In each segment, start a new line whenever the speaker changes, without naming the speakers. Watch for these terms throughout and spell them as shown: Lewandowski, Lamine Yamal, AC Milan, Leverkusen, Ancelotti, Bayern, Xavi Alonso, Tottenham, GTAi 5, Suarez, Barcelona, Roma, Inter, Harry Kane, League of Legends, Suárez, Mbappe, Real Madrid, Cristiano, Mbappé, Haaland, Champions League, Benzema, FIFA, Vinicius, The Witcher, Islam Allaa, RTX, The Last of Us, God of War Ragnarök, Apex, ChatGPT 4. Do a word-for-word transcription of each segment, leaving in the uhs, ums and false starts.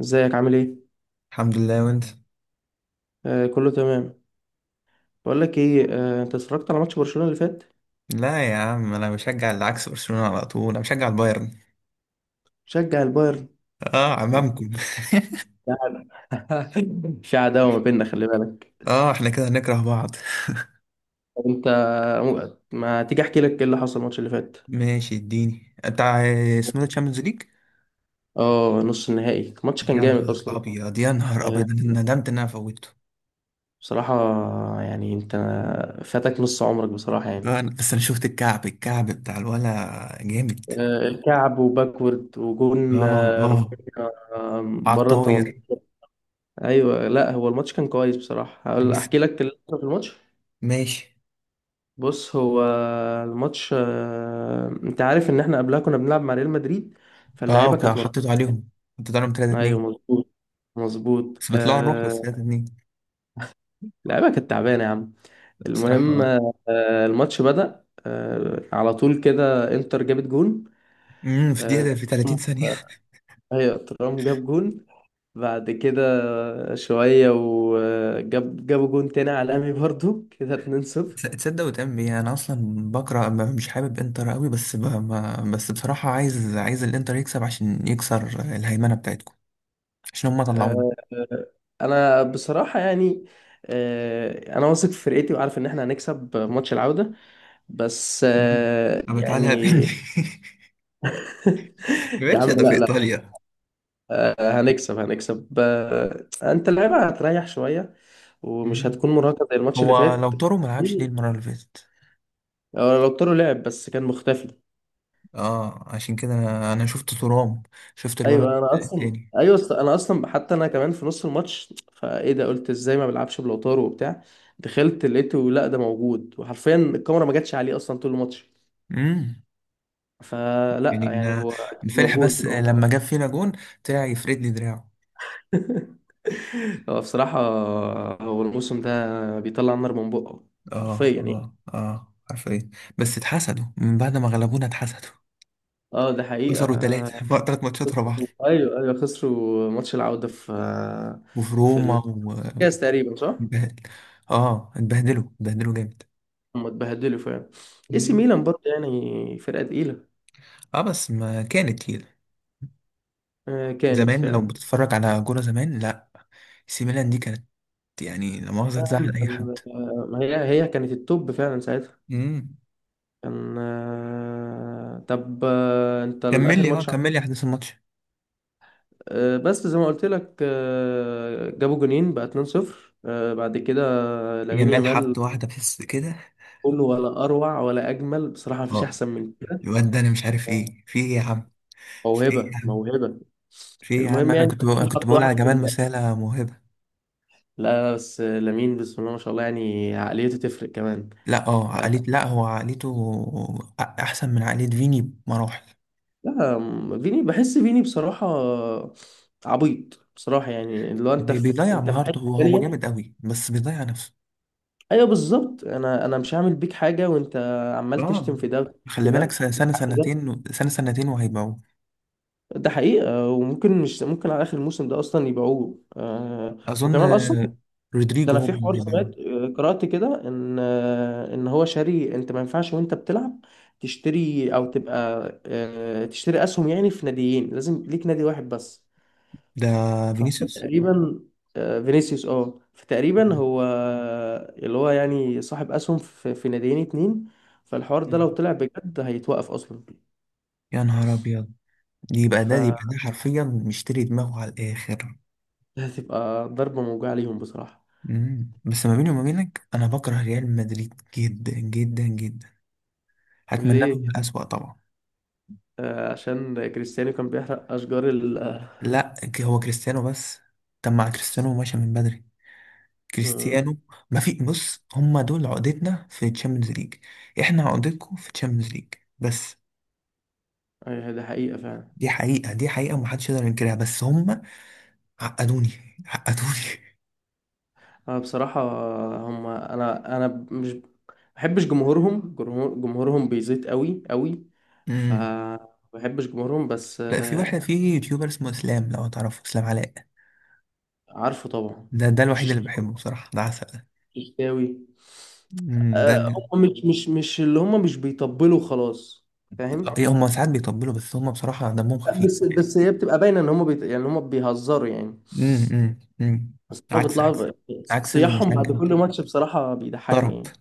ازيك عامل ايه؟
الحمد لله، وانت؟
آه كله تمام. بقول لك ايه، آه انت اتفرجت على ماتش برشلونة اللي فات؟
لا يا عم، انا بشجع اللي عكس برشلونة على طول. انا بشجع البايرن.
شجع البايرن.
اه،
احنا
عمامكم.
في عداوة ما بيننا، خلي بالك.
اه احنا كده هنكره بعض.
طب انت، ما تيجي احكي لك ايه اللي حصل الماتش اللي فات.
ماشي، اديني انت ع- اسمه ده تشامبيونز ليج.
اه، نص النهائي، الماتش كان
يا
جامد
نهار
اصلا.
ابيض، يا نهار
آه
ابيض، انا ندمت ان انا فوتته.
بصراحة يعني، انت فاتك نص عمرك بصراحة يعني.
آه، أنا- بس انا شفت الكعب الكعب بتاع الولا جامد.
آه كعب وباكورد وجون،
اه
آه
اه،
رافينيا، آه
على
بره
الطاير.
ثمانية عشر. ايوه، لا هو الماتش كان كويس بصراحة، هقول-
بس
احكي لك اللي حصل في الماتش.
ماشي.
بص هو الماتش، آه، انت عارف ان احنا قبلها كنا بنلعب مع ريال مدريد
اه،
فاللعيبه
وكان
كانت
حطيته
مرهقه.
عليهم. حطيت عليهم 3
ايوه
2
مظبوط. مظبوط
بس بيطلعوا نروح بس
آه،
تلاتة اتنين.
اللعيبه كانت تعبانه يا عم.
بصراحة،
المهم،
اه،
آه، الماتش بدأ، آه، على طول كده انتر جابت جون.
امم في
آه،
دقيقة، في 30 ثانية.
هي ترام جاب جون. بعد كده شويه وجاب جابوا جون تاني على الامي برضو كده اتنين صفر.
تص- تصدق وتعمل ايه؟ انا اصلا بكره ما- مش حابب انتر قوي، بس ب... ما... بس بصراحه، عايز عايز الانتر يكسب عشان يكسر الهيمنه بتاعتكم. عشان هم
آه،
طلعونا.
آه، آه، انا بصراحه يعني، آه، انا واثق في فرقتي وعارف ان احنا هنكسب ماتش العوده، بس
مم.
آه،
أما تعالى
يعني.
قابلني.
يا
ماشي،
عم
ده في
لا لا،
إيطاليا.
آه، هنكسب هنكسب، آه، انت اللعيبه هتريح شويه ومش
مم.
هتكون مرهقه زي الماتش اللي
هو لو
فات.
طاروا ما لعبش ليه المره اللي فاتت؟
هو لو طاروا لعب بس كان مختفي.
اه، عشان كده انا أنا شفت ترام. شفت الولد
ايوه انا اصلا
التاني.
ايوه أصلا- انا اصلا حتى انا كمان في نص الماتش فايه ده قلت ازاي ما بيلعبش بلوتارو وبتاع. دخلت لقيته لا ده موجود، وحرفيا الكاميرا ما جاتش عليه اصلا طول الماتش.
امم يعني
فلا يعني
أنا،
هو
الفرح
موجود
بس
اه.
لما جاب فينا جون طلع يفرد لي دراعه.
هو بصراحة هو الموسم ده بيطلع النار من بقه حرفيا
اه
يعني.
اه اه، عارفين. بس اتحسدوا، من بعد ما غلبونا اتحسدوا.
اه ده حقيقة.
خسروا ثلاثة ثلاث ماتشات ورا بعض.
ايوه، ايوه، خسروا ماتش العودة في
وفي روما،
في
و
الكاس تقريبا، صح؟
اتبهدل. اه، اتبهدلوا اتبهدلوا جامد.
هم اتبهدلوا فعلا. اي سي
مم.
ميلان برضه يعني فرقة تقيلة.
اه، بس ما كانت كده
آه، كانت
زمان. لو
فعلا.
بتتفرج على كورة زمان، لا. سي ميلان دي كانت، يعني لا مؤاخذة
نعم.
تزعل أي حد.
آه، هي هي كانت التوب فعلا ساعتها.
مم.
كان آه، طب آه، انت
كمل
الاخر
لي، اه
ماتش ع-
كمل لي أحداث الماتش.
آه، بس زي ما قلت لك، آه، جابوا جونين بقى اثنين صفر، آه، بعد كده لامين
يامال
يامال،
حط واحدة في الس- كده.
كله ولا اروع ولا اجمل بصراحه، مفيش
اه،
احسن من كده.
الواد ده أنا مش عارف إيه في إيه يا عم. في إيه
موهبه
يا عم؟
موهبه.
في إيه يا عم؟
المهم
أنا
يعني،
كنت بقول أنا كنت
حط
بقول على
واحده في
جمال،
الجنة.
مسالة موهبة.
لا لا، بس لامين بسم الله ما شاء الله يعني عقليته تفرق كمان.
لا، اه عقلية، لا هو عقليته أ- احسن من عقلية فيني بمراحل.
لا، فيني بحس فيني بصراحة عبيط بصراحة، يعني اللي هو انت
بي-
في
بيضيع
انت في
مهارته،
حتة
هو هو
تانية.
جامد قوي بس بيضيع نفسه.
ايوه بالظبط، انا انا مش هعمل بيك حاجة، وانت عمال
اه،
تشتم في ده، في
خلي بالك،
ده،
سنة سنة
في ده.
سنتين سنة سنتين وهيبيعوه.
ده حقيقة، وممكن مش ممكن على اخر الموسم ده اصلا يبيعوه آه.
اظن،
وكمان اصلا،
آه.
ده
رودريجو
انا
هو
في حوار
اللي هيبيعوه.
سمعت، آه، قرأت كده ان آه ان هو شاري. انت ما ينفعش وانت بتلعب تشتري او تبقى. آه تشتري اسهم يعني في ناديين، لازم ليك نادي واحد بس.
ده فينيسيوس.
فتقريبا، آه، فينيسيوس اه، فتقريبا هو اللي هو يعني صاحب اسهم في في ناديين اتنين. فالحوار ده لو
مم.
طلع بجد هيتوقف اصلا.
يا نهار ابيض. دي يبقى ده دي يبقى ده حرفيا مشتري دماغه على الاخر.
فهتبقى ضربة موجعة ليهم بصراحة.
مم. بس ما بيني وما بينك، انا بكره ريال مدريد جدا جدا جدا. هتمنى
ليه؟
لهم الاسوأ طبعا.
آه، عشان كريستيانو كان بيحرق اشجار ال
لا، هو كريستيانو بس. طب مع كريستيانو ماشي من بدري.
آه،
كريستيانو، ما في، بص هما دول عقدتنا في تشامبيونز ليج. احنا عقدتكم في تشامبيونز ليج. بس
أيوة، ده حقيقة فعلا.
دي حقيقة، دي حقيقة ومحدش يقدر ينكرها، بس هما عقدوني، عقدوني.
انا بصراحة، هم انا انا مش بحبش جمهورهم، جمهور- جمهورهم بيزيد قوي قوي. ف
امم.
بحبش جمهورهم بس
لا، في واحد،
آه،
في يوتيوبر اسمه اسلام، لو تعرفه اسلام علاء.
عارفه طبعا،
ده ده الوحيد اللي
وششتاوي.
بحبه بصراحة، ده عسل.
ششتاوي.
امم ده
آه، هم مش مش مش اللي هم مش بيطبلوا خلاص، فاهم.
إيه، هما ساعات بيطبلوا بس هما بصراحة دمهم
لا،
خفيف.
بس بس هي بتبقى باينه ان هم بيت... يعني هم بيهزروا يعني.
امم امم أمم.
بس هم
عكس عكس
بيطلعوا ب-
عكس
صياحهم
المشجع
بعد كل
بتاعي.
ماتش بصراحه بيضحكني
طرب،
يعني.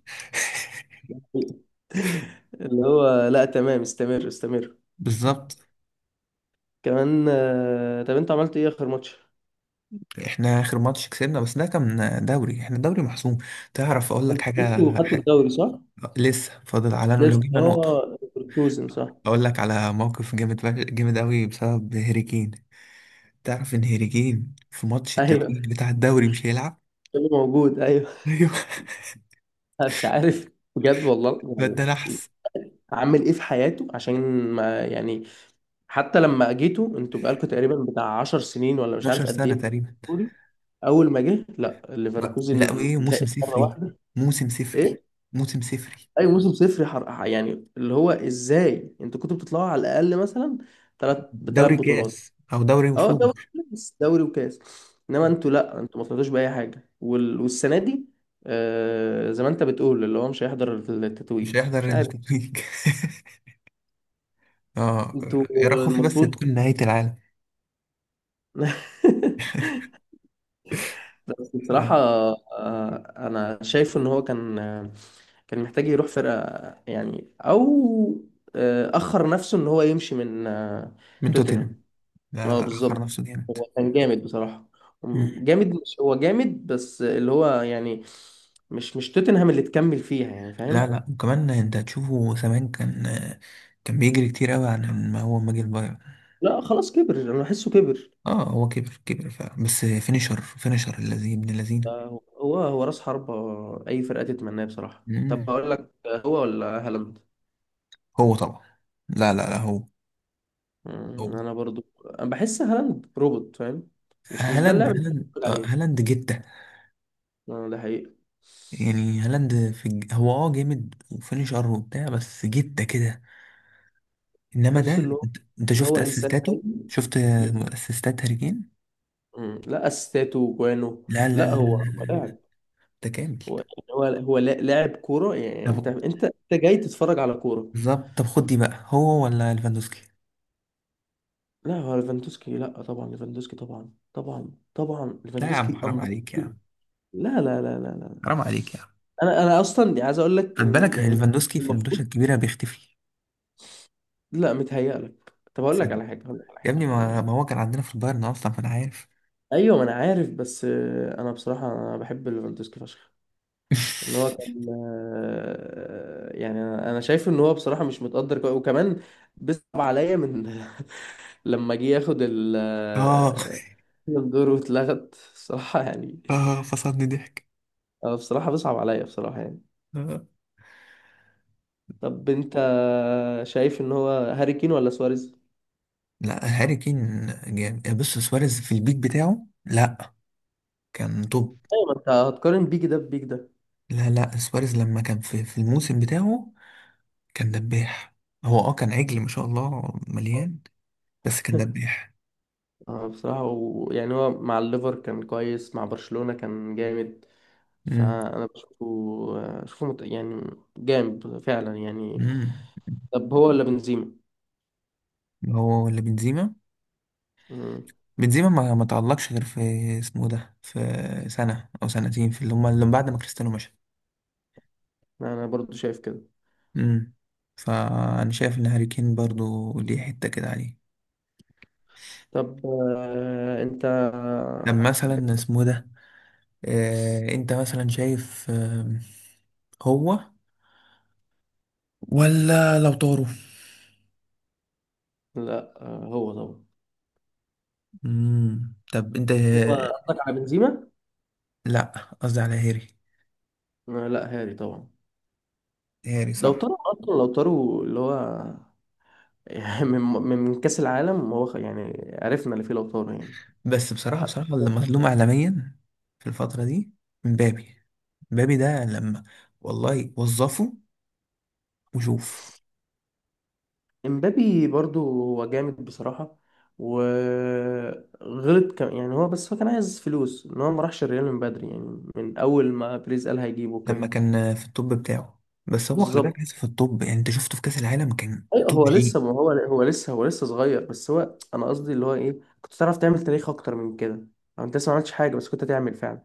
اللي هو لا تمام، استمر استمر.
بالظبط.
كمان آه، طب انت عملت ايه اخر ماتش؟
احنا اخر ماتش كسبنا، بس ده كان دوري، احنا دوري محسوم. تعرف اقول لك
انت لسه
حاجه
وخدت
حاجة.
الدوري، صح؟
لسه فاضل، على لو
لسه
جبنا نقطه.
اه، ليفركوزن صح؟
اقول لك على موقف جامد، فش- جامد قوي بسبب هيري كين. تعرف ان هيري كين في ماتش
ايوه
التتويج بتاع الدوري مش هيلعب.
كله موجود ايوه.
ايوه،
مش عارف، بجد والله
الواد ده
يعني،
نحس.
عامل ايه في حياته عشان ما يعني، حتى لما جيتوا انتوا بقالكوا تقريبا بتاع عشر سنين ولا مش عارف
اتناشر سنة
قد
سنه
ايه.
تقريبا.
بتقول اول ما جه لا
ما- لا،
ليفركوزن
وايه؟
فاق
موسم
مره
صفري،
واحده.
موسم صفري،
ايه،
موسم صفري.
اي موسم صفر حر... يعني اللي هو ازاي انتوا كنتوا بتطلعوا على الاقل مثلا ثلاث بثلاث
دوري كاس
بطولات.
او دوري
اه
وصول.
دوري وكاس، دوري وكاس. انما انتوا، لا انتوا ما طلعتوش باي حاجه وال... والسنه دي، آه زي ما انت بتقول اللي هو مش هيحضر
مش
التتويج
هيحضر
مش عارف.
التتويج. اه،
انتوا
يا رب خوفي بس
المفروض.
تكون نهايه العالم.
بس
آه،
بصراحة، آه، أنا شايفه إن هو كان آه، كان محتاج يروح فرقة يعني، أو آه، أخر نفسه إن هو يمشي من آه،
من توتنهام.
توتنهام.
لا
أه
لا، أخر
بالظبط.
نفسه جامد.
هو كان جامد بصراحة.
مم.
جامد، مش هو جامد بس اللي هو يعني مش مش توتنهام اللي تكمل فيها يعني،
لا
فاهم.
لا، وكمان أنت هتشوفه زمان كان آه، كان بيجري كتير أوي عن ما هو ما جه البايرن.
لا خلاص كبر، أنا بحسه كبر.
اه، هو كبر كبر فعلا، بس فينيشر فينيشر الذي ابن الذين.
آه، هو هو رأس حربة، أي فرقة تتمناه بصراحة. طب
مم.
أقول لك، آه، هو ولا هالاند؟
هو طبعا. لا لا لا، هو هو
مم، انا برضو أنا بحس هالاند روبوت فاهم. مش مش ده
هالاند
اللاعب اللي أنا
هالاند
بتفرج
آه،
عليه.
هالاند جتة.
اه ده حقيقة.
يعني هالاند في الج... هو اه جامد وفينيشر وبتاع، بس جتة كده. انما ده،
بحس ان هو
انت أنت شفت
هو انسان
اسيستاته.
حلو.
شفت
بي-
اسيستات هاري كين.
مم، لا اسيستاته وجوانه.
لا لا
لا
لا لا،
هو هو
لا، لا،
لاعب،
ده كامل.
هو يعني هو هو لا- لاعب كورة يعني، انت
طب
انت انت جاي تتفرج على كورة.
بالظبط، طب خد دي بقى، هو ولا ليفاندوسكي؟
لا هو ليفاندوسكي، لا طبعا ليفاندوسكي، طبعا طبعا طبعا
لا يا عم،
ليفاندوسكي
حرام
أندر.
عليك يا عم.
لا لا لا لا لا.
حرام عليك يا عم.
انا انا اصلا يعني عايز اقول لك
خد
ان
بالك
يعني
ليفاندوسكي في المدوشة
المفروض.
الكبيرة بيختفي.
لا متهيألك، طب أقول
صدق.
لك على حاجة، أقول لك على
يا
حاجة،
ابني،
أقول لك على
ما, ما
حاجة.
هو كان عندنا في البايرن أصلا فأنا عارف.
أيوة ما أنا عارف، بس آه، أنا بصراحة أنا بحب ليفاندوسكي فشخ. إن هو كان آه، يعني أنا أنا شايف إن هو بصراحة مش متقدر كوي. وكمان بيصعب عليا من لما جه ياخد ال
آه
آه، الدور واتلغت بصراحة يعني.
آه، فصلني ضحك.
آه، بصراحة بيصعب عليا بصراحة يعني.
آه.
طب أنت شايف إن هو هاري كين ولا سواريز؟
لا، هاري كين جامد. بص، سواريز في البيك بتاعه، لا كان توب.
أيوة ما أنت هتقارن بيك ده ببيك ده.
لا لا، سواريز لما كان في, في الموسم بتاعه كان دباح. هو اه كان عجل ما شاء الله مليان، بس كان دباح.
اه بصراحة، ويعني هو مع الليفر كان كويس، مع برشلونة كان جامد.
مم.
فأنا بشوفه أشوفه مت... يعني جامد فعلا يعني.
مم.
طب هو ولا بنزيما؟
هو ولا بنزيما؟
مم.
بنزيما ما ما تعلقش غير في اسمه ده، في سنة أو سنتين، في اللي هما اللي بعد ما كريستيانو مشى.
أنا برضو شايف كده.
امم فأنا شايف إن هاري كين برضه ليه حتة كده عليه.
طب آه، أنت
طب مثلا
بت...
اسمه ده، آه أنت مثلا شايف، آه هو ولا لو طاروا؟
لا آه، هو طبعا.
امم طب أنت،
هو قصدك على بنزيما؟
لا، قصدي على هاري.
آه، لا هاري طبعا.
هاري
لو
صح.
طاروا أصلا، لو طاروا اللي هو من من كأس العالم هو خ- يعني عرفنا اللي فيه لو طاروا يعني.
بس بصراحة، بصراحة اللي مظلوم إعلاميا في الفترة دي مبابي. مبابي ده لما، والله وظفه وشوف.
امبابي برضو هو جامد بصراحة. وغلط كم يعني هو، بس هو كان عايز فلوس ان هو ما راحش الريال من بدري يعني، من اول ما بريز قال هيجيبه
لما
كده.
كان في الطب بتاعه، بس هو خلي
بالظبط.
بالك لسه في الطب، يعني انت شفته في كأس العالم كان
ايوه
توب
هو
جي.
لسه، ما هو هو لسه هو لسه صغير، بس هو انا قصدي اللي هو ايه، كنت تعرف تعمل تاريخ اكتر من كده، او انت لسه ما عملتش حاجة بس كنت تعمل فعلا.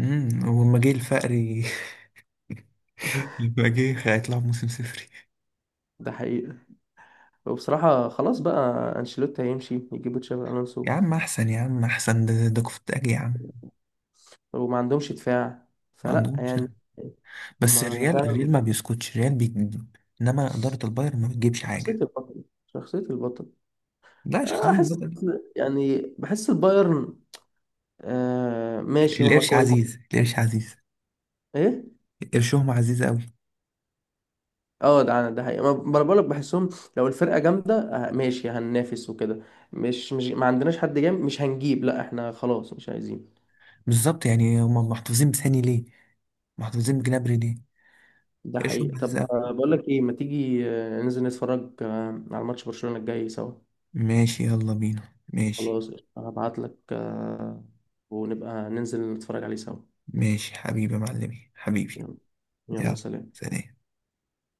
امم ولما جه الفقري. لما جه هيطلعوا موسم صفري.
ده حقيقي. وبصراحة خلاص بقى، انشيلوتي هيمشي يجيبوا تشابي
يا
الونسو
عم احسن، يا عم احسن، ده ده كفتاجي يا عم.
وما عندهمش دفاع،
ما
فلا
عندهمش
يعني.
ده. بس
هما
الريال،
فعلا
الريال ما بيسكتش، الريال بيجيب. انما إدارة البايرن ما بتجيبش
شخصية
حاجة.
البطل، شخصية البطل.
لا، شخصية
آه، احس
البطل.
يعني بحس البايرن آه ماشي هما
القرش
كويس.
عزيز، القرش عزيز.
ايه.
قرشهم عزيز قوي.
اه ده انا ده حقيقة، ما ما انا بقولك بحسهم لو الفرقة جامدة آه ماشي هننافس وكده، مش مش ما عندناش حد جامد مش هنجيب، لا احنا خلاص مش عايزين.
بالظبط، يعني هم محتفظين بثاني ليه؟ محتفظين بجنابري ليه؟
ده
قرشهم
حقيقة.
عزيز
طب
قوي.
آه بقولك ايه، ما تيجي آه ننزل نتفرج آه على ماتش برشلونة الجاي سوا؟
ماشي، يلا بينا، ماشي.
خلاص، هبعتلك آه، ونبقى ننزل نتفرج عليه سوا.
ماشي حبيبي، يا معلمي حبيبي.
يلا، يلا
يلا،
سلام.
سلام.